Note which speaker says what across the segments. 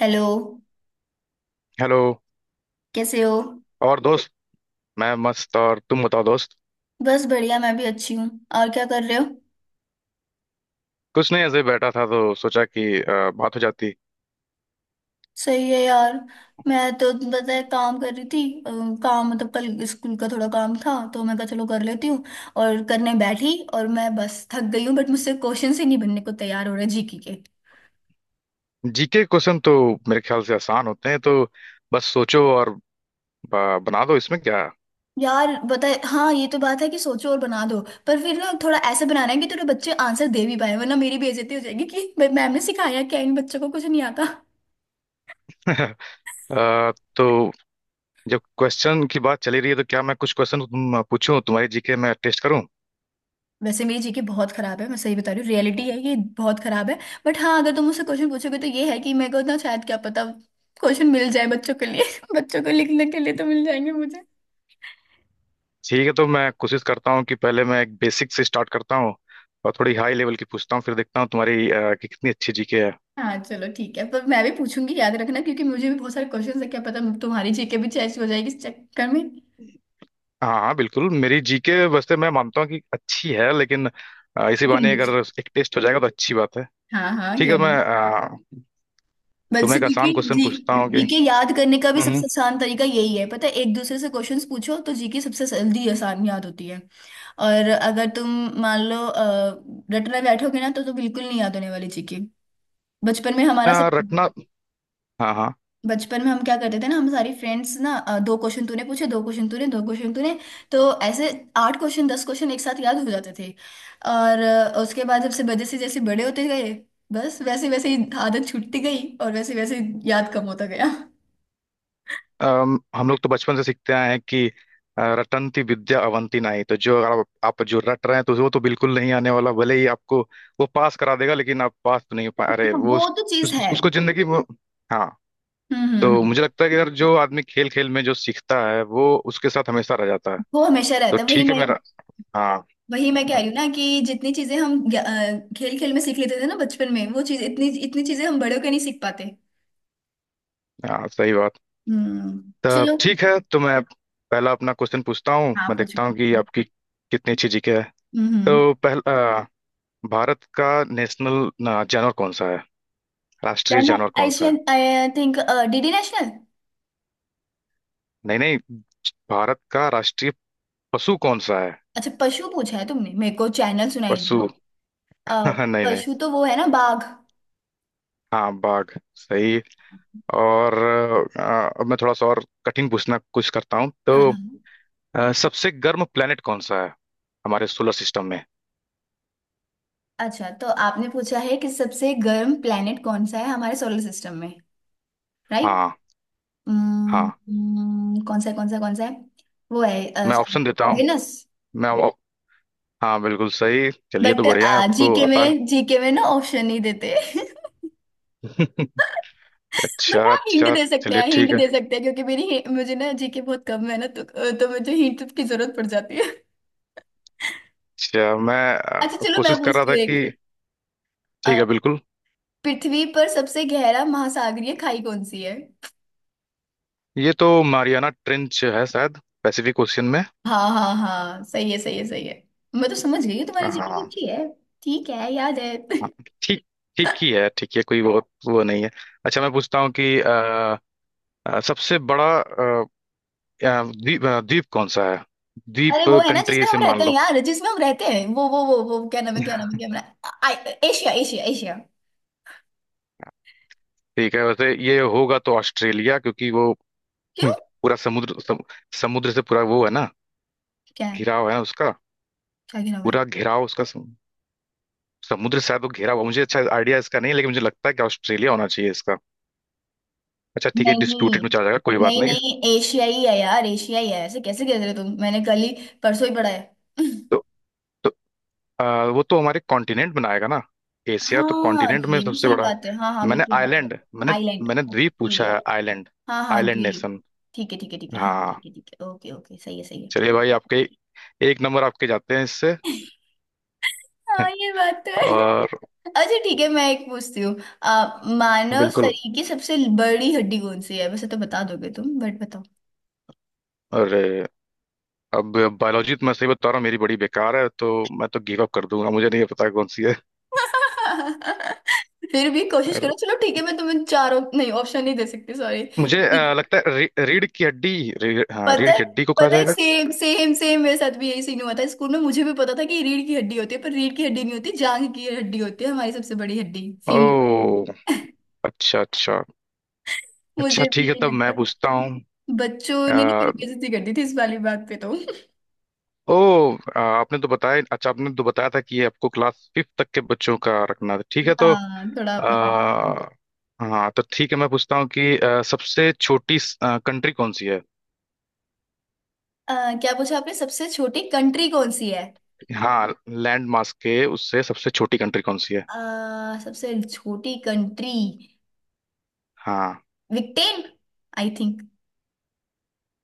Speaker 1: Hello.
Speaker 2: Hello.
Speaker 1: कैसे हो?
Speaker 2: और दोस्त, मैं मस्त। और तुम बताओ दोस्त?
Speaker 1: बस बढ़िया, मैं भी अच्छी हूँ। और क्या कर रहे हो?
Speaker 2: कुछ नहीं, ऐसे ही बैठा था तो सोचा कि बात हो जाती।
Speaker 1: सही है यार। मैं तो पता है काम कर रही थी। अ, काम मतलब कल स्कूल का थोड़ा काम था, तो मैं कहा चलो कर लेती हूँ। और करने बैठी और मैं बस थक गई हूँ, बट मुझसे क्वेश्चन ही नहीं बनने को तैयार हो रहे जीके के।
Speaker 2: जीके क्वेश्चन तो मेरे ख्याल से आसान होते हैं, तो बस सोचो और बना दो, इसमें क्या?
Speaker 1: यार बताए, हाँ, ये तो बात है कि सोचो और बना दो। पर फिर ना थोड़ा ऐसे बनाना है कि थोड़े बच्चे आंसर दे भी पाए, वरना मेरी बेइज्जती हो जाएगी कि भाई मैम ने सिखाया क्या, इन बच्चों को कुछ नहीं आता।
Speaker 2: तो जब क्वेश्चन की बात चली रही है, तो क्या मैं कुछ क्वेश्चन तुम पूछूं, तुम्हारी जीके में टेस्ट करूं?
Speaker 1: वैसे मेरी जीके बहुत खराब है, मैं सही बता रही हूँ, रियलिटी है ये, बहुत खराब है। बट हाँ, अगर तुम मुझसे क्वेश्चन पूछोगे तो ये है कि मेरे को ना शायद, क्या पता, क्वेश्चन मिल जाए बच्चों के लिए। बच्चों को लिखने के लिए तो मिल जाएंगे मुझे।
Speaker 2: ठीक है, तो मैं कोशिश करता हूँ कि पहले मैं एक बेसिक से स्टार्ट करता हूँ और थोड़ी हाई लेवल की पूछता हूँ, फिर देखता हूँ तुम्हारी कि कितनी अच्छी जीके है।
Speaker 1: हाँ चलो, ठीक है, पर मैं भी पूछूंगी, याद रखना, क्योंकि मुझे भी बहुत सारे क्वेश्चन है। क्या पता तुम्हारी जीके भी चेस्ट हो जाएगी इस चक्कर में।
Speaker 2: हाँ हाँ बिल्कुल, मेरी जीके वैसे मैं मानता हूँ कि अच्छी है, लेकिन इसी
Speaker 1: लेकिन
Speaker 2: बहाने
Speaker 1: मुझे भी-
Speaker 2: अगर एक टेस्ट हो जाएगा तो अच्छी बात है।
Speaker 1: हाँ हाँ,
Speaker 2: ठीक है,
Speaker 1: क्यों
Speaker 2: तो मैं
Speaker 1: नहीं।
Speaker 2: तुम्हें
Speaker 1: बल्कि
Speaker 2: एक
Speaker 1: जीके
Speaker 2: आसान क्वेश्चन
Speaker 1: जी,
Speaker 2: पूछता हूँ कि
Speaker 1: जीके याद करने का भी
Speaker 2: हम्म,
Speaker 1: सबसे आसान तरीका यही है, पता है, एक दूसरे से क्वेश्चंस पूछो, तो जीके सबसे जल्दी आसान याद होती है। और अगर तुम मान लो रट में बैठोगे ना तो बिल्कुल नहीं याद होने वाली जीके। बचपन में हमारा सही।
Speaker 2: रटना। हाँ हाँ।
Speaker 1: बचपन में हम क्या करते थे ना, हम सारी फ्रेंड्स ना दो क्वेश्चन तूने पूछे, दो क्वेश्चन तूने, दो क्वेश्चन तूने। तो ऐसे आठ क्वेश्चन, 10 क्वेश्चन एक साथ याद हो जाते थे। और उसके बाद जब से जैसे जैसे बड़े होते गए, बस वैसे वैसे ही आदत छूटती गई और वैसे वैसे याद कम होता गया।
Speaker 2: हम लोग तो बचपन से सीखते आए हैं कि रटंती विद्या अवंती नहीं, तो जो अगर आप जो रट रहे हैं तो वो तो बिल्कुल नहीं आने वाला। भले ही आपको वो पास करा देगा, लेकिन आप पास तो नहीं हो पा। अरे
Speaker 1: हाँ,
Speaker 2: वो
Speaker 1: वो तो चीज है।
Speaker 2: उसको जिंदगी में। हाँ,
Speaker 1: हम्म हम्म
Speaker 2: तो
Speaker 1: हम्म।
Speaker 2: मुझे लगता है कि अगर जो आदमी खेल खेल में जो सीखता है वो उसके साथ हमेशा रह जाता है।
Speaker 1: वो हमेशा
Speaker 2: तो
Speaker 1: रहता है, वही
Speaker 2: ठीक है,
Speaker 1: मैं,
Speaker 2: मेरा। हाँ
Speaker 1: वही मैं कह
Speaker 2: हाँ
Speaker 1: रही हूँ ना कि जितनी चीजें हम खेल खेल में सीख लेते थे ना बचपन में, वो चीज, इतनी इतनी चीजें हम बड़े होकर नहीं सीख पाते।
Speaker 2: हाँ, सही बात। तब
Speaker 1: चलो।
Speaker 2: ठीक है, तो मैं पहला अपना क्वेश्चन पूछता हूँ,
Speaker 1: हाँ
Speaker 2: मैं
Speaker 1: पूछो।
Speaker 2: देखता हूँ कि आपकी कितनी अच्छी जीके है।
Speaker 1: हम्म।
Speaker 2: तो पहला, भारत का नेशनल जानवर कौन सा है? राष्ट्रीय जानवर कौन सा है?
Speaker 1: National, I think, DD national.
Speaker 2: नहीं नहीं, भारत का राष्ट्रीय पशु कौन सा है?
Speaker 1: अच्छा, पशु पूछा है तुमने, मेरे को चैनल सुनाई
Speaker 2: पशु
Speaker 1: दिया। अ,
Speaker 2: बाघ। नहीं नहीं,
Speaker 1: पशु तो वो है ना, बाघ, हाँ।
Speaker 2: हाँ बाघ। सही। और अब मैं थोड़ा सा और कठिन पूछना कुछ करता हूँ तो
Speaker 1: हाँ।
Speaker 2: सबसे गर्म प्लेनेट कौन सा है हमारे सोलर सिस्टम में?
Speaker 1: अच्छा, तो आपने पूछा है कि सबसे गर्म प्लेनेट कौन सा है हमारे सोलर सिस्टम में। राइट।
Speaker 2: हाँ। हाँ,
Speaker 1: कौन सा है, कौन सा, कौन सा है? वो है
Speaker 2: मैं ऑप्शन देता हूँ।
Speaker 1: वेनस।
Speaker 2: मैं ऑप- हाँ बिल्कुल सही, चलिए तो
Speaker 1: बट
Speaker 2: बढ़िया है, आपको
Speaker 1: जीके
Speaker 2: आता है।
Speaker 1: में, जीके में ना ऑप्शन नहीं देते।
Speaker 2: अच्छा
Speaker 1: बट हाँ, हिंट
Speaker 2: अच्छा,
Speaker 1: दे सकते
Speaker 2: चलिए
Speaker 1: हैं,
Speaker 2: ठीक
Speaker 1: हिंट
Speaker 2: है।
Speaker 1: दे सकते हैं, क्योंकि मेरी, मुझे ना जीके बहुत कम है ना तो मुझे हिंट की जरूरत पड़ जाती है।
Speaker 2: अच्छा मैं
Speaker 1: अच्छा चलो, मैं
Speaker 2: कोशिश कर रहा
Speaker 1: पूछती
Speaker 2: था
Speaker 1: हूँ एक।
Speaker 2: कि
Speaker 1: अ,
Speaker 2: ठीक है, बिल्कुल।
Speaker 1: पृथ्वी पर सबसे गहरा महासागरीय खाई कौन सी है?
Speaker 2: ये तो मारियाना ट्रेंच है शायद, पैसिफिक ओशियन में।
Speaker 1: हाँ हाँ हाँ, सही है सही है सही है। मैं तो समझ गई हूँ, तुम्हारी जीके भी
Speaker 2: हाँ।
Speaker 1: अच्छी है। ठीक है, याद है।
Speaker 2: हाँ, ठीक। ठीक ही है, ठीक है, कोई बहुत वो नहीं है। अच्छा मैं पूछता हूँ कि सबसे बड़ा द्वीप कौन सा है?
Speaker 1: अरे
Speaker 2: द्वीप
Speaker 1: वो है ना
Speaker 2: कंट्री
Speaker 1: जिसमें हम
Speaker 2: से मान
Speaker 1: रहते हैं
Speaker 2: लो।
Speaker 1: यार, जिसमें हम रहते हैं वो क्या नाम है, क्या नाम है, क्या नाम है, एशिया एशिया एशिया।
Speaker 2: ठीक है, वैसे ये होगा तो ऑस्ट्रेलिया, क्योंकि वो
Speaker 1: क्यों?
Speaker 2: हम्म, पूरा समुद्र समुद्र से पूरा वो है ना,
Speaker 1: क्या है?
Speaker 2: घिराव है उसका।
Speaker 1: क्या गिरा?
Speaker 2: पूरा घिराव उसका समुद्र से शायद वो घिरा हुआ, मुझे अच्छा आइडिया इसका नहीं है, लेकिन मुझे लगता है कि ऑस्ट्रेलिया होना चाहिए इसका। अच्छा ठीक है, डिस्प्यूटेड
Speaker 1: नहीं।
Speaker 2: में चला जाएगा, कोई बात
Speaker 1: नहीं
Speaker 2: नहीं।
Speaker 1: नहीं, एशियाई है यार, एशियाई है, ऐसे कैसे कह रहे हो तुम, मैंने कल ही, परसों ही पढ़ा है।
Speaker 2: तो आ, वो तो हमारे कॉन्टिनेंट बनाएगा ना, एशिया तो
Speaker 1: हाँ
Speaker 2: कॉन्टिनेंट में
Speaker 1: ये भी
Speaker 2: सबसे
Speaker 1: सही
Speaker 2: बड़ा है।
Speaker 1: बात है, हाँ हाँ,
Speaker 2: मैंने
Speaker 1: बिल्कुल बिल्कुल।
Speaker 2: आइलैंड मैंने
Speaker 1: आइलैंड,
Speaker 2: मैंने द्वीप
Speaker 1: ओके।
Speaker 2: पूछा है, आइलैंड,
Speaker 1: हाँ हाँ,
Speaker 2: आइलैंड नेशन।
Speaker 1: द्वीप। ठीक है ठीक है ठीक है, हाँ
Speaker 2: हाँ,
Speaker 1: ठीक है ठीक है, ओके ओके, सही है सही है।
Speaker 2: चलिए भाई, आपके एक नंबर आपके जाते हैं इससे।
Speaker 1: हाँ ये बात तो है।
Speaker 2: और
Speaker 1: अच्छा ठीक है, मैं एक पूछती हूँ। आ, मानव
Speaker 2: बिल्कुल,
Speaker 1: शरीर की सबसे बड़ी हड्डी कौन सी है? वैसे तो बता दोगे तुम, बट बताओ।
Speaker 2: अरे अब बायोलॉजी तो मैं सही बता रहा हूँ, मेरी बड़ी बेकार है, तो मैं तो गिव अप कर दूंगा, मुझे नहीं पता कौन सी है।
Speaker 1: फिर भी कोशिश करो
Speaker 2: और
Speaker 1: चलो, ठीक है, मैं तुम्हें चारों नहीं, ऑप्शन नहीं दे सकती, सॉरी।
Speaker 2: मुझे लगता है रीढ़ की हड्डी, हाँ
Speaker 1: पता
Speaker 2: रीढ़
Speaker 1: है,
Speaker 2: की हड्डी को कहा
Speaker 1: पता है,
Speaker 2: जाएगा।
Speaker 1: सेम सेम सेम मेरे साथ भी यही सीन हुआ था स्कूल में, मुझे भी पता था कि रीढ़ की हड्डी होती है, पर रीढ़ की हड्डी नहीं होती, जांघ की हड्डी होती है हमारी सबसे बड़ी हड्डी, फीमर।
Speaker 2: ओ, अच्छा अच्छा। अच्छा
Speaker 1: मुझे भी
Speaker 2: ठीक है,
Speaker 1: यही
Speaker 2: तब मैं
Speaker 1: लगता।
Speaker 2: पूछता
Speaker 1: बच्चों ने नहीं, मेरी
Speaker 2: हूँ।
Speaker 1: बेइज्जती कर दी थी इस वाली बात पे तो।
Speaker 2: ओ आ, आपने तो बताया अच्छा आपने तो बताया था कि ये आपको क्लास फिफ्थ तक के बच्चों का रखना था, ठीक है तो
Speaker 1: हाँ थोड़ा मतलब।
Speaker 2: आ, हाँ तो ठीक है मैं पूछता हूँ कि सबसे छोटी कंट्री कौन सी है?
Speaker 1: अ, क्या पूछा आपने, सबसे छोटी कंट्री कौन सी है?
Speaker 2: हाँ, लैंड मास के उससे सबसे छोटी कंट्री कौन सी है?
Speaker 1: सबसे छोटी कंट्री।
Speaker 2: हाँ।
Speaker 1: विक्टेन, आई थिंक।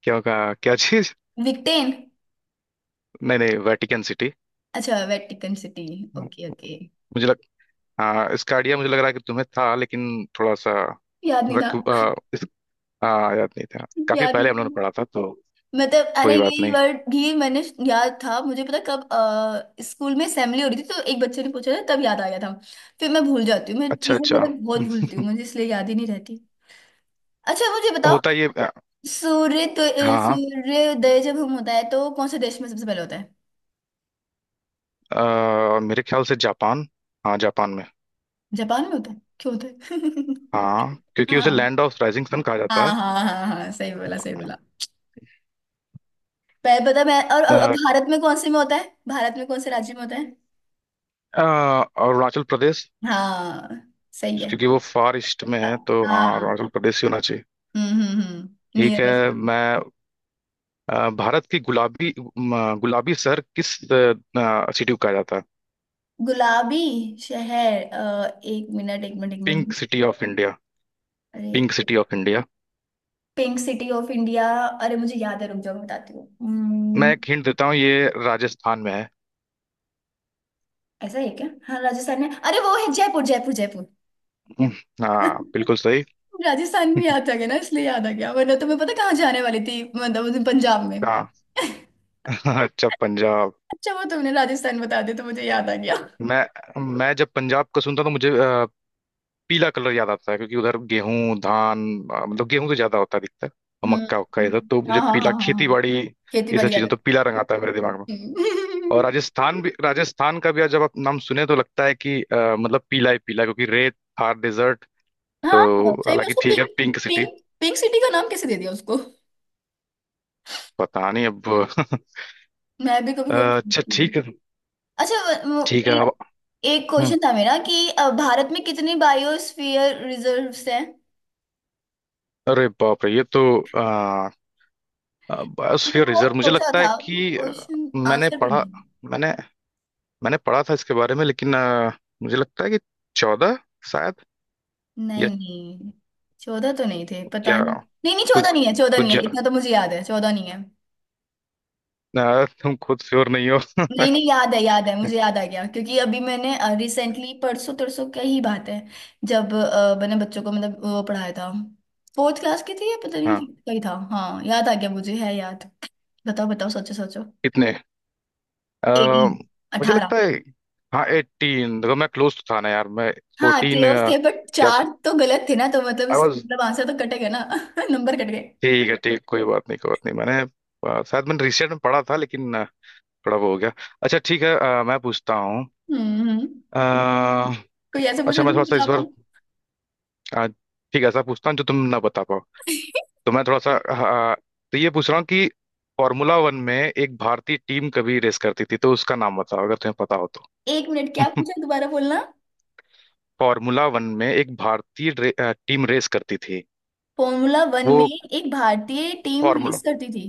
Speaker 2: क्या होगा? क्या चीज?
Speaker 1: विक्टेन।
Speaker 2: नहीं नहीं, वेटिकन सिटी।
Speaker 1: अच्छा, वेटिकन सिटी, ओके ओके।
Speaker 2: मुझे लग हाँ, इसका आइडिया मुझे लग रहा है कि तुम्हें था, लेकिन थोड़ा सा
Speaker 1: याद नहीं
Speaker 2: वक,
Speaker 1: था।
Speaker 2: आ, इस, आ, याद नहीं था, काफी
Speaker 1: याद नहीं
Speaker 2: पहले हम लोगों ने
Speaker 1: था
Speaker 2: पढ़ा था तो
Speaker 1: मतलब, अरे
Speaker 2: कोई बात
Speaker 1: यही
Speaker 2: नहीं।
Speaker 1: वर्ड भी मैंने याद था मुझे, पता कब, स्कूल में असेंबली हो रही थी, तो एक बच्चे ने पूछा था, तब याद आ गया था। फिर मैं भूल जाती हूँ, मैं
Speaker 2: अच्छा
Speaker 1: चीजें
Speaker 2: अच्छा।
Speaker 1: मतलब बहुत भूलती हूँ, मुझे इसलिए याद ही नहीं रहती। अच्छा मुझे बताओ,
Speaker 2: होता ये,
Speaker 1: सूर्य तो,
Speaker 2: हाँ।
Speaker 1: सूर्योदय जब हम होता है तो कौन से देश में सबसे पहले होता है?
Speaker 2: मेरे ख्याल से जापान, हाँ जापान में।
Speaker 1: जापान में होता है, क्यों होता है?
Speaker 2: हाँ, क्योंकि उसे
Speaker 1: हाँ
Speaker 2: लैंड ऑफ राइजिंग सन कहा जाता
Speaker 1: हाँ
Speaker 2: है।
Speaker 1: हाँ हाँ हाँ, सही बोला सही बोला। पहले पता मैं, और
Speaker 2: अ,
Speaker 1: भारत में कौन से में होता है? भारत में कौन से राज्य में होता है?
Speaker 2: अ, अरुणाचल प्रदेश,
Speaker 1: हाँ, सही है।
Speaker 2: क्योंकि वो फार ईस्ट में
Speaker 1: हाँ
Speaker 2: है, तो हाँ
Speaker 1: हाँ।
Speaker 2: अरुणाचल प्रदेश ही होना चाहिए।
Speaker 1: हम्म,
Speaker 2: ठीक है,
Speaker 1: नियरेस्ट।
Speaker 2: मैं भारत की गुलाबी शहर किस सिटी को कहा जाता है?
Speaker 1: गुलाबी शहर, एक मिनट, एक मिनट, एक
Speaker 2: pink
Speaker 1: minute.
Speaker 2: City of India,
Speaker 1: अरे,
Speaker 2: pink city of India.
Speaker 1: Pink city of India. अरे मुझे याद है, रुक जाओ, मैं बताती हूँ,
Speaker 2: मैं एक हिंट देता हूँ, ये राजस्थान में है।
Speaker 1: ऐसा है क्या, हाँ राजस्थान में, अरे वो है जयपुर, जयपुर, जयपुर।
Speaker 2: हम्म, हाँ बिल्कुल सही।
Speaker 1: राजस्थान में याद आ गया ना, इसलिए याद आ गया, वरना तुम्हें पता कहाँ जाने वाली थी मतलब, उस दिन पंजाब में।
Speaker 2: हाँ। अच्छा पंजाब।
Speaker 1: अच्छा वो तुमने राजस्थान बता दिया, तो मुझे याद आ गया।
Speaker 2: मैं जब पंजाब का सुनता तो मुझे पीला कलर ज्यादा आता है, क्योंकि उधर गेहूं धान, मतलब गेहूं तो ज्यादा होता है अधिकतर, और मक्का उक्का
Speaker 1: हम्म।
Speaker 2: इधर तो
Speaker 1: हाँ
Speaker 2: मुझे
Speaker 1: हाँ
Speaker 2: पीला
Speaker 1: हाँ हाँ
Speaker 2: खेती
Speaker 1: हाँ।
Speaker 2: बाड़ी,
Speaker 1: खेती
Speaker 2: ये सब
Speaker 1: बड़ी याद
Speaker 2: चीजें तो
Speaker 1: है।
Speaker 2: पीला रंग आता है मेरे दिमाग में। और
Speaker 1: हम्म।
Speaker 2: राजस्थान का भी आज जब आप नाम सुने तो लगता है कि मतलब पीला ही पीला, क्योंकि रेत, थार डेजर्ट,
Speaker 1: हाँ
Speaker 2: तो
Speaker 1: सही में
Speaker 2: हालांकि
Speaker 1: उसको
Speaker 2: ठीक है
Speaker 1: pink,
Speaker 2: pink city.
Speaker 1: Pink pink city का नाम कैसे दे दिया उसको?
Speaker 2: पता नहीं अब।
Speaker 1: मैं भी कभी कभी
Speaker 2: अच्छा
Speaker 1: सोचती
Speaker 2: ठीक
Speaker 1: हूँ।
Speaker 2: है,
Speaker 1: अच्छा,
Speaker 2: ठीक
Speaker 1: वो
Speaker 2: है अब
Speaker 1: एक एक
Speaker 2: हम्म।
Speaker 1: क्वेश्चन था मेरा कि भारत में कितनी बायोस्फीयर रिजर्व्स हैं?
Speaker 2: अरे बाप रे, ये तो आ,
Speaker 1: मैंने
Speaker 2: बायोस्फीयर रिजर्व,
Speaker 1: बहुत
Speaker 2: मुझे
Speaker 1: सोचा
Speaker 2: लगता है
Speaker 1: था,
Speaker 2: कि
Speaker 1: क्वेश्चन
Speaker 2: मैंने
Speaker 1: आंसर भी
Speaker 2: पढ़ा
Speaker 1: नहीं।
Speaker 2: मैंने मैंने पढ़ा था इसके बारे में, लेकिन मुझे लगता है कि चौदह शायद,
Speaker 1: नहीं
Speaker 2: या
Speaker 1: नहीं, 14 तो नहीं थे, पता
Speaker 2: क्या,
Speaker 1: नहीं। नहीं नहीं, 14
Speaker 2: कुछ
Speaker 1: नहीं है, 14
Speaker 2: कुछ
Speaker 1: नहीं
Speaker 2: ज-
Speaker 1: है, इतना तो मुझे याद है, 14 नहीं है।
Speaker 2: अ, तुम खुद श्योर नहीं हो?
Speaker 1: नहीं नहीं, याद है, याद है, मुझे याद आ गया क्योंकि अभी मैंने रिसेंटली, परसों तरसों क्या ही बात है। जब मैंने बच्चों को मतलब वो पढ़ाया था, फोर्थ क्लास की थी या पता
Speaker 2: हाँ,
Speaker 1: नहीं कहीं था, हाँ याद आ गया मुझे, है याद। बताओ बताओ, सोचो सोचो।
Speaker 2: इतने अ,
Speaker 1: 18,
Speaker 2: मुझे
Speaker 1: 18।
Speaker 2: लगता है, हाँ एटीन। देखो मैं क्लोज तो था ना यार मैं,
Speaker 1: हाँ
Speaker 2: फोर्टीन
Speaker 1: क्लोज थे, बट
Speaker 2: क्या,
Speaker 1: चार तो गलत थे ना, तो मतलब
Speaker 2: आई वाज।
Speaker 1: मतलब आंसर तो कटेगा ना। नंबर कट गए।
Speaker 2: ठीक है, ठीक, कोई बात नहीं, कोई बात नहीं, शायद मैंने रिसेंट में पढ़ा था, लेकिन थोड़ा वो हो गया। अच्छा ठीक है, मैं पूछता हूँ
Speaker 1: हम्म हम्म।
Speaker 2: अ,
Speaker 1: कोई ऐसे पूछ
Speaker 2: अच्छा
Speaker 1: रहे
Speaker 2: मैं
Speaker 1: तुम
Speaker 2: थोड़ा सा
Speaker 1: बता
Speaker 2: इस बार
Speaker 1: पाऊँ।
Speaker 2: अ, ठीक है ऐसा पूछता हूँ जो तुम ना बता पाओ। तो मैं थोड़ा सा हाँ, हाँ, तो ये पूछ रहा हूँ कि फॉर्मूला वन में एक भारतीय टीम कभी रेस करती थी, तो उसका नाम बताओ अगर तुम्हें पता हो तो।
Speaker 1: एक मिनट, क्या पूछा? दोबारा बोलना।
Speaker 2: फॉर्मूला वन में एक भारतीय टीम रेस करती थी,
Speaker 1: फॉर्मूला वन
Speaker 2: वो
Speaker 1: में एक भारतीय टीम
Speaker 2: फॉर्मूला
Speaker 1: रेस करती थी?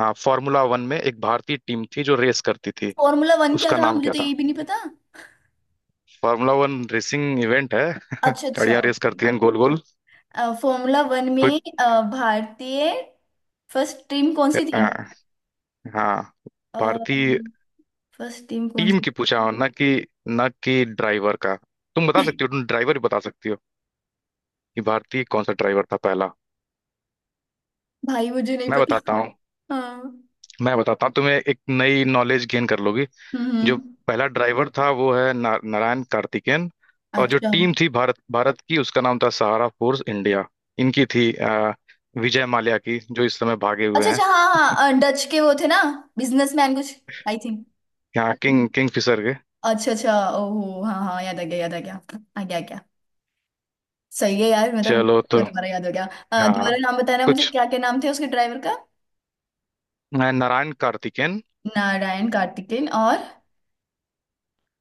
Speaker 2: हाँ फॉर्मूला वन में एक भारतीय टीम थी जो रेस करती थी,
Speaker 1: फॉर्मूला वन क्या
Speaker 2: उसका
Speaker 1: था?
Speaker 2: नाम
Speaker 1: मुझे
Speaker 2: क्या
Speaker 1: तो ये
Speaker 2: था?
Speaker 1: भी नहीं पता।
Speaker 2: फॉर्मूला वन रेसिंग इवेंट है,
Speaker 1: अच्छा अच्छा
Speaker 2: गाड़ियां रेस
Speaker 1: ओके।
Speaker 2: करती हैं गोल गोल।
Speaker 1: फॉर्मूला वन
Speaker 2: कुछ,
Speaker 1: में भारतीय फर्स्ट टीम कौन सी थी?
Speaker 2: हाँ हाँ, भारतीय
Speaker 1: फर्स्ट टीम कौन
Speaker 2: टीम
Speaker 1: सी थी?
Speaker 2: की पूछा हो, ना कि ड्राइवर का, तुम बता सकती हो, तुम ड्राइवर भी बता सकती हो कि भारतीय कौन सा ड्राइवर था पहला।
Speaker 1: भाई, मुझे नहीं
Speaker 2: मैं
Speaker 1: पता।
Speaker 2: बताता भाई हूँ,
Speaker 1: हाँ।
Speaker 2: मैं बताता हूँ, तुम्हें एक नई नॉलेज गेन कर लोगी।
Speaker 1: हम्म
Speaker 2: जो
Speaker 1: हम्म।
Speaker 2: पहला ड्राइवर था वो है ना, नारायण कार्तिकेयन। और जो
Speaker 1: अच्छा
Speaker 2: टीम थी भारत भारत की, उसका नाम था सहारा फोर्स इंडिया, इनकी थी विजय माल्या की, जो इस समय भागे हुए
Speaker 1: अच्छा।
Speaker 2: हैं।
Speaker 1: अच्छा, हाँ हाँ, डच के वो थे ना, बिजनेसमैन कुछ, आई थिंक।
Speaker 2: यहाँ किंगफिशर के।
Speaker 1: अच्छा अच्छा। ओहो, हाँ हाँ, याद आ गया, याद आ गया। आ गया क्या? सही है यार मतलब,
Speaker 2: चलो तो
Speaker 1: दोबारा याद हो गया।
Speaker 2: हाँ,
Speaker 1: दोबारा नाम बताना मुझे,
Speaker 2: कुछ
Speaker 1: क्या क्या नाम थे उसके ड्राइवर का।
Speaker 2: नारायण कार्तिकेयन,
Speaker 1: नारायण कार्तिकेन, और?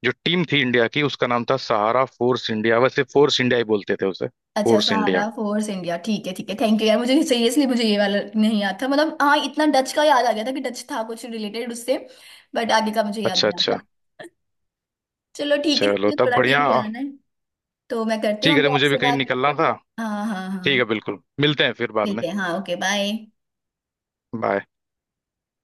Speaker 2: जो टीम थी इंडिया की उसका नाम था सहारा फोर्स इंडिया, वैसे फोर्स इंडिया ही बोलते थे उसे,
Speaker 1: अच्छा,
Speaker 2: force
Speaker 1: Sahara
Speaker 2: India.
Speaker 1: Force India, ठीक है ठीक है, थैंक यू यार, मुझे सीरियसली, मुझे ये वाला नहीं याद था मतलब, हाँ इतना डच का याद आ गया था कि डच था कुछ रिलेटेड उससे। बट आगे का मुझे याद
Speaker 2: अच्छा
Speaker 1: नहीं आ
Speaker 2: अच्छा,
Speaker 1: रहा। चलो ठीक है ना,
Speaker 2: चलो
Speaker 1: मुझे
Speaker 2: तब
Speaker 1: थोड़ा
Speaker 2: बढ़िया।
Speaker 1: कहीं जाना है, तो मैं करती
Speaker 2: ठीक
Speaker 1: हूँ
Speaker 2: है, अरे
Speaker 1: अभी
Speaker 2: मुझे भी
Speaker 1: आपसे
Speaker 2: कहीं
Speaker 1: बात।
Speaker 2: निकलना था।
Speaker 1: हाँ हाँ
Speaker 2: ठीक है
Speaker 1: हाँ।
Speaker 2: बिल्कुल, मिलते हैं फिर बाद
Speaker 1: ठीक
Speaker 2: में।
Speaker 1: है, हाँ ओके, बाय।
Speaker 2: बाय।